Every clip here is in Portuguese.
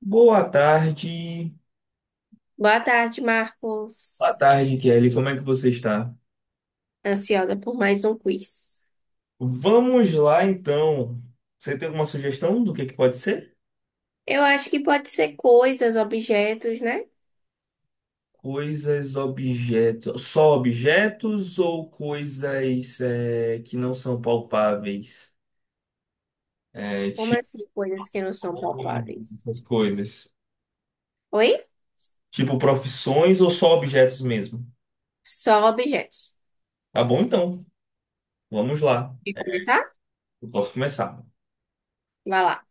Boa tarde. Boa tarde, Boa Marcos. tarde, Kelly. Como é que você está? Ansiosa por mais um quiz. Vamos lá, então. Você tem alguma sugestão do que pode ser? Eu acho que pode ser coisas, objetos, né? Coisas, objetos. Só objetos ou coisas é, que não são palpáveis? É, Como tipo, assim, coisas que não são palpáveis? essas coisas. Oi? Tipo, profissões ou só objetos mesmo? Só objetos. Tá bom, então. Vamos lá. Quer começar? Eu posso começar. Vai lá.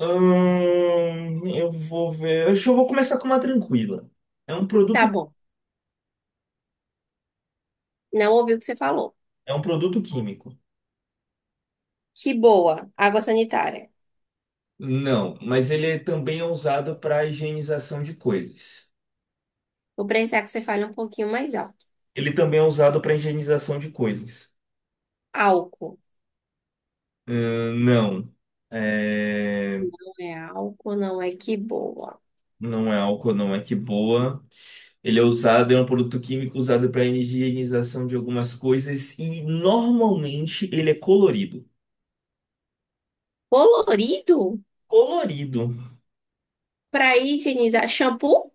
Eu vou ver. Acho que eu vou começar com uma tranquila. É um Tá produto bom. Não ouvi o que você falou. É um produto químico. Que boa. Água sanitária. Não, mas ele também é usado para higienização de coisas. Vou precisar que você fale um pouquinho mais alto. Ele também é usado para higienização de coisas. Álcool. Não, É, Não é álcool, não é que boa. não é álcool, não é que boa. Ele é usado, é um produto químico usado para higienização de algumas coisas e normalmente ele é colorido. Colorido? Colorido. Pra higienizar. Shampoo?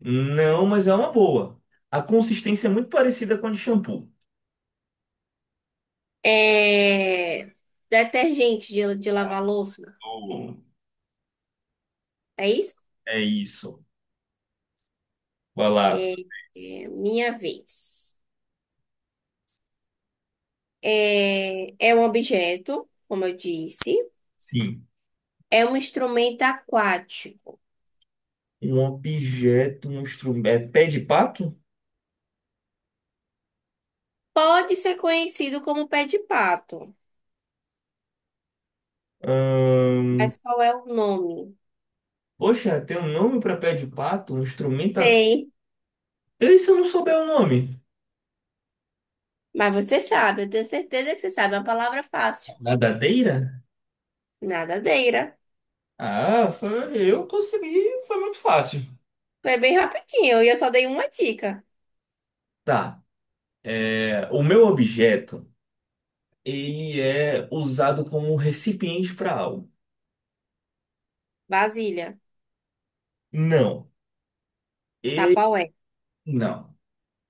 Não, mas é uma boa. A consistência é muito parecida com a de shampoo. É... Detergente de lavar louça? Azul. É isso? É isso. Vai lá. Sua É, vez. é, minha vez. É um objeto, como eu disse. Sim. É um instrumento aquático. Um objeto, um instrumento. É pé de pato? Pode ser conhecido como pé de pato. Ahn, Mas qual é o nome? Poxa, tem um nome para pé de pato? Um instrumento. Tem. E se eu não souber o nome? Mas você sabe, eu tenho certeza que você sabe. É uma palavra fácil. Nadadeira? Nadadeira. Ah, eu consegui, foi muito fácil. Foi bem rapidinho. E eu só dei uma dica. Tá. É, o meu objeto, ele é usado como recipiente para algo. Vasilha. Não. E Tapaué. não.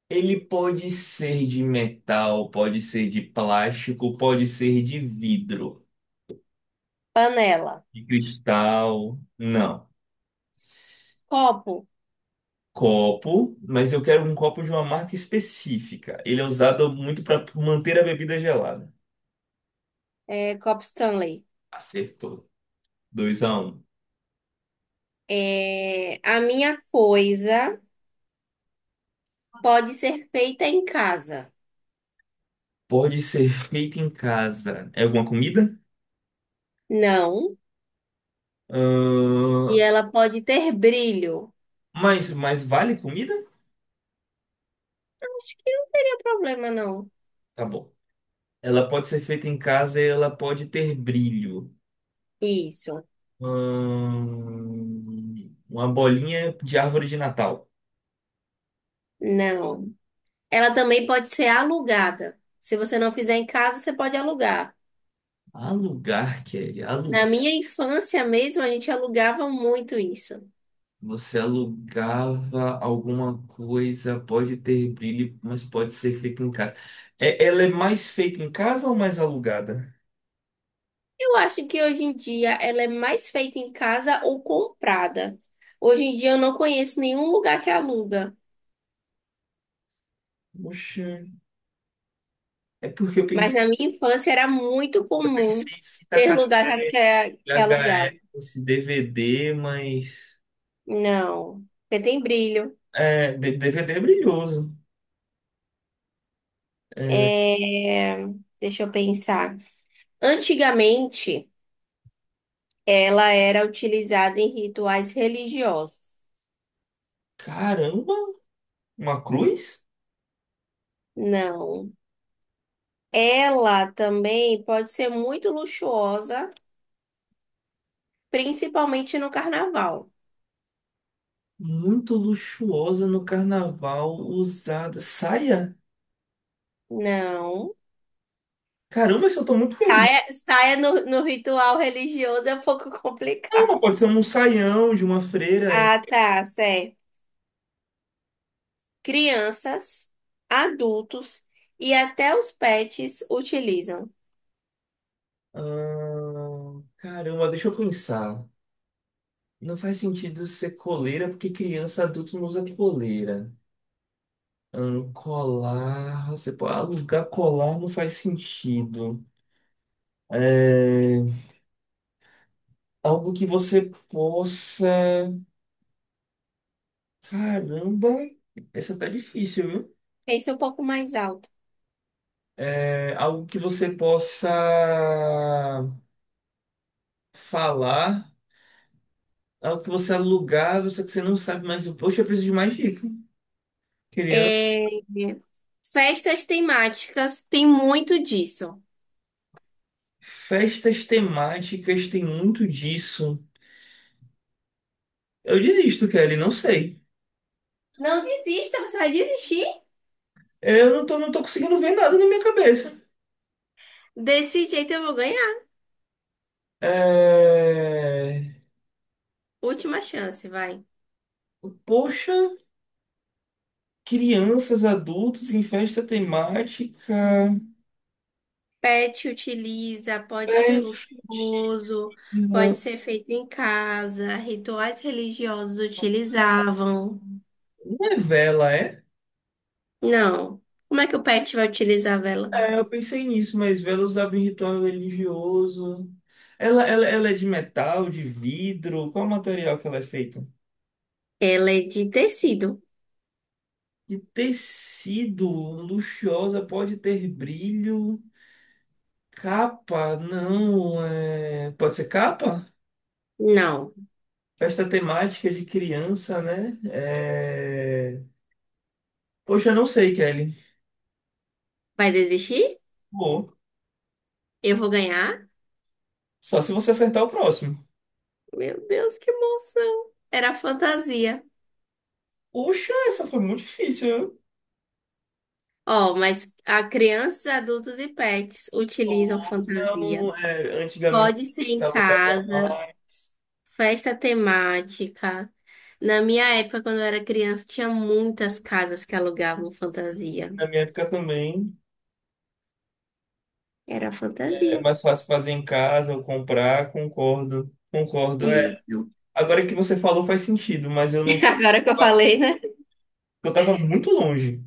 Ele pode ser de metal, pode ser de plástico, pode ser de vidro, Panela. de cristal. Não. Copo. Copo, mas eu quero um copo de uma marca específica. Ele é usado muito para manter a bebida gelada. É, copo Stanley. Acertou. Dois a um. É, a minha coisa. Pode ser feita em casa. Pode ser feito em casa. É alguma comida? Não. E Ahn, ela pode ter brilho. Mas vale comida? Acho que não teria problema, não. Tá bom. Ela pode ser feita em casa e ela pode ter brilho. Isso. Uma bolinha de árvore de Natal. Não. Ela também pode ser alugada. Se você não fizer em casa, você pode alugar. Alugar lugar, Kelly, há. Na minha infância mesmo, a gente alugava muito isso. Você alugava alguma coisa, pode ter brilho, mas pode ser feita em casa. É, ela é mais feita em casa ou mais alugada? Eu acho que hoje em dia ela é mais feita em casa ou comprada. Hoje em dia eu não conheço nenhum lugar que aluga, Poxa, é porque eu mas pensei, na minha infância era muito comum pensei em fita ter lugar que, cassete, que que alugava. VHS, DVD, mas. Não, porque tem brilho. É, DVD é brilhoso. É, É, deixa eu pensar. Antigamente, ela era utilizada em rituais religiosos. caramba, uma cruz? Não. Ela também pode ser muito luxuosa, principalmente no carnaval. Muito luxuosa no carnaval, usada. Saia? Não. Caramba, isso eu tô muito perdido. Saia, saia no ritual religioso é um pouco Não, mas complicado. pode ser um saião de uma freira. Ah, tá, certo. Crianças, adultos e até os pets utilizam. Ah, caramba, deixa eu pensar. Não faz sentido ser coleira porque criança, adulto não usa coleira. Colar, você pode alugar colar não faz sentido. É, algo que você possa. Caramba, essa tá difícil, viu? Pense um pouco mais alto. É, algo que você possa falar, algo que você alugar, só que você não sabe mais. Poxa, eu preciso de mais dica. É, festas temáticas tem muito disso. Festas temáticas tem muito disso. Eu desisto, Kelly, não sei. Não desista, você vai desistir? Eu não tô, não tô conseguindo ver nada na minha cabeça. Desse jeito eu vou ganhar. É... Última chance, vai. Poxa, crianças, adultos em festa temática. Pet utiliza, pode ser Festa. luxuoso, pode ser feito em casa, rituais religiosos utilizavam. Não é vela, é? Não. Como é que o pet vai utilizar a vela? É, eu pensei nisso, mas vela usava em ritual religioso. Ela é de metal, de vidro? Qual material que ela é feita? Ela é de tecido. De tecido luxuosa pode ter brilho. Capa, não. É... Pode ser capa? Não. Festa temática de criança, né? É... Poxa, eu não sei, Kelly. Vai desistir? Pô, Eu vou ganhar? só se você acertar o próximo. Meu Deus, que emoção. Era fantasia. Poxa, essa foi muito difícil, viu? Ó, mas a crianças, adultos e pets utilizam fantasia. Blusão, é, antigamente Pode ser se em alugava casa, mais. festa temática. Na minha época, quando eu era criança, tinha muitas casas que alugavam Sim, fantasia. na minha época também. Era É fantasia. mais fácil fazer em casa ou comprar, concordo. Concordo. Isso. Agora que você falou faz sentido, mas eu não tava, Agora que eu falei, né? eu tava muito longe.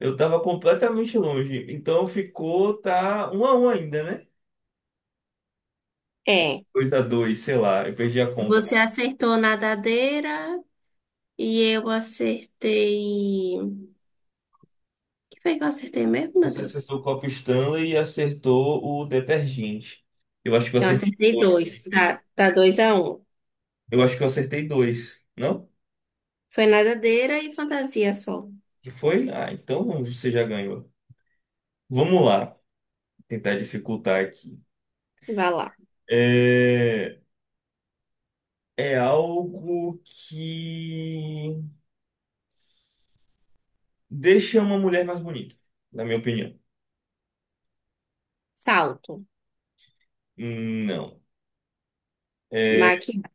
Eu tava completamente longe. Então ficou, tá, um a um ainda, né? É. Dois a dois, sei lá, eu perdi a conta. Você acertou nadadeira e eu acertei. O que foi que eu acertei mesmo, meu Você Deus? acertou o copo Stanley e acertou o detergente. Eu acho que eu Eu acertei acertei dois dois. também. Tá, tá 2 a 1. Eu acho que eu acertei dois, não? Foi nadadeira e fantasia só. E foi? Ah, então você já ganhou. Vamos lá, tentar dificultar aqui. Vai lá. É, é algo que deixa uma mulher mais bonita, na minha opinião. Salto, Não. É, maquiagem,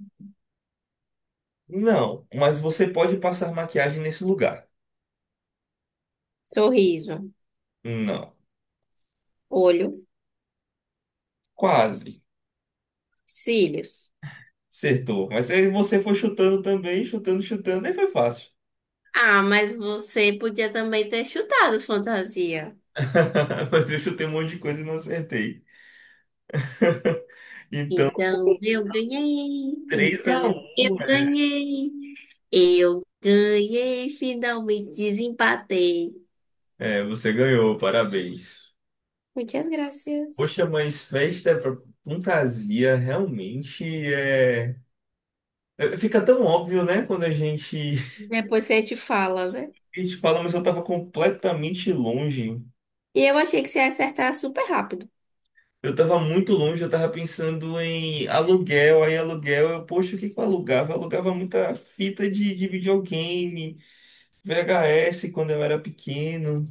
não, mas você pode passar maquiagem nesse lugar. sorriso, Não. olho, Quase. cílios. Acertou. Mas aí você foi chutando também, chutando, chutando, aí foi fácil. Ah, mas você podia também ter chutado fantasia. Mas eu chutei um monte de coisa e não acertei. Então, Então eu ganhei. três a Então eu um, né? ganhei. Eu ganhei. Finalmente desempatei. É, você ganhou, parabéns. Muitas graças. Poxa, mas festa é pra fantasia realmente é. É, fica tão óbvio, né? Quando a gente. Depois que a gente fala, né? A gente fala, mas eu tava completamente longe. E eu achei que você ia acertar super rápido. Eu tava muito longe, eu tava pensando em aluguel, aí aluguel, eu, poxa, o que que eu alugava? Eu alugava muita fita de videogame, VHS quando eu era pequeno.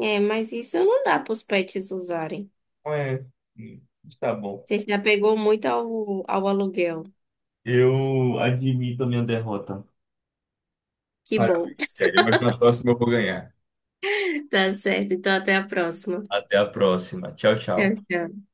É, mas isso não dá para os pets usarem. É, Hum, tá bom. Você se apegou muito ao aluguel. Eu admito a minha derrota. Que Parabéns, bom. sério, mas na próxima eu vou ganhar. Tá certo, então até a próxima. Até a próxima. Tchau, Tchau, tchau. tchau.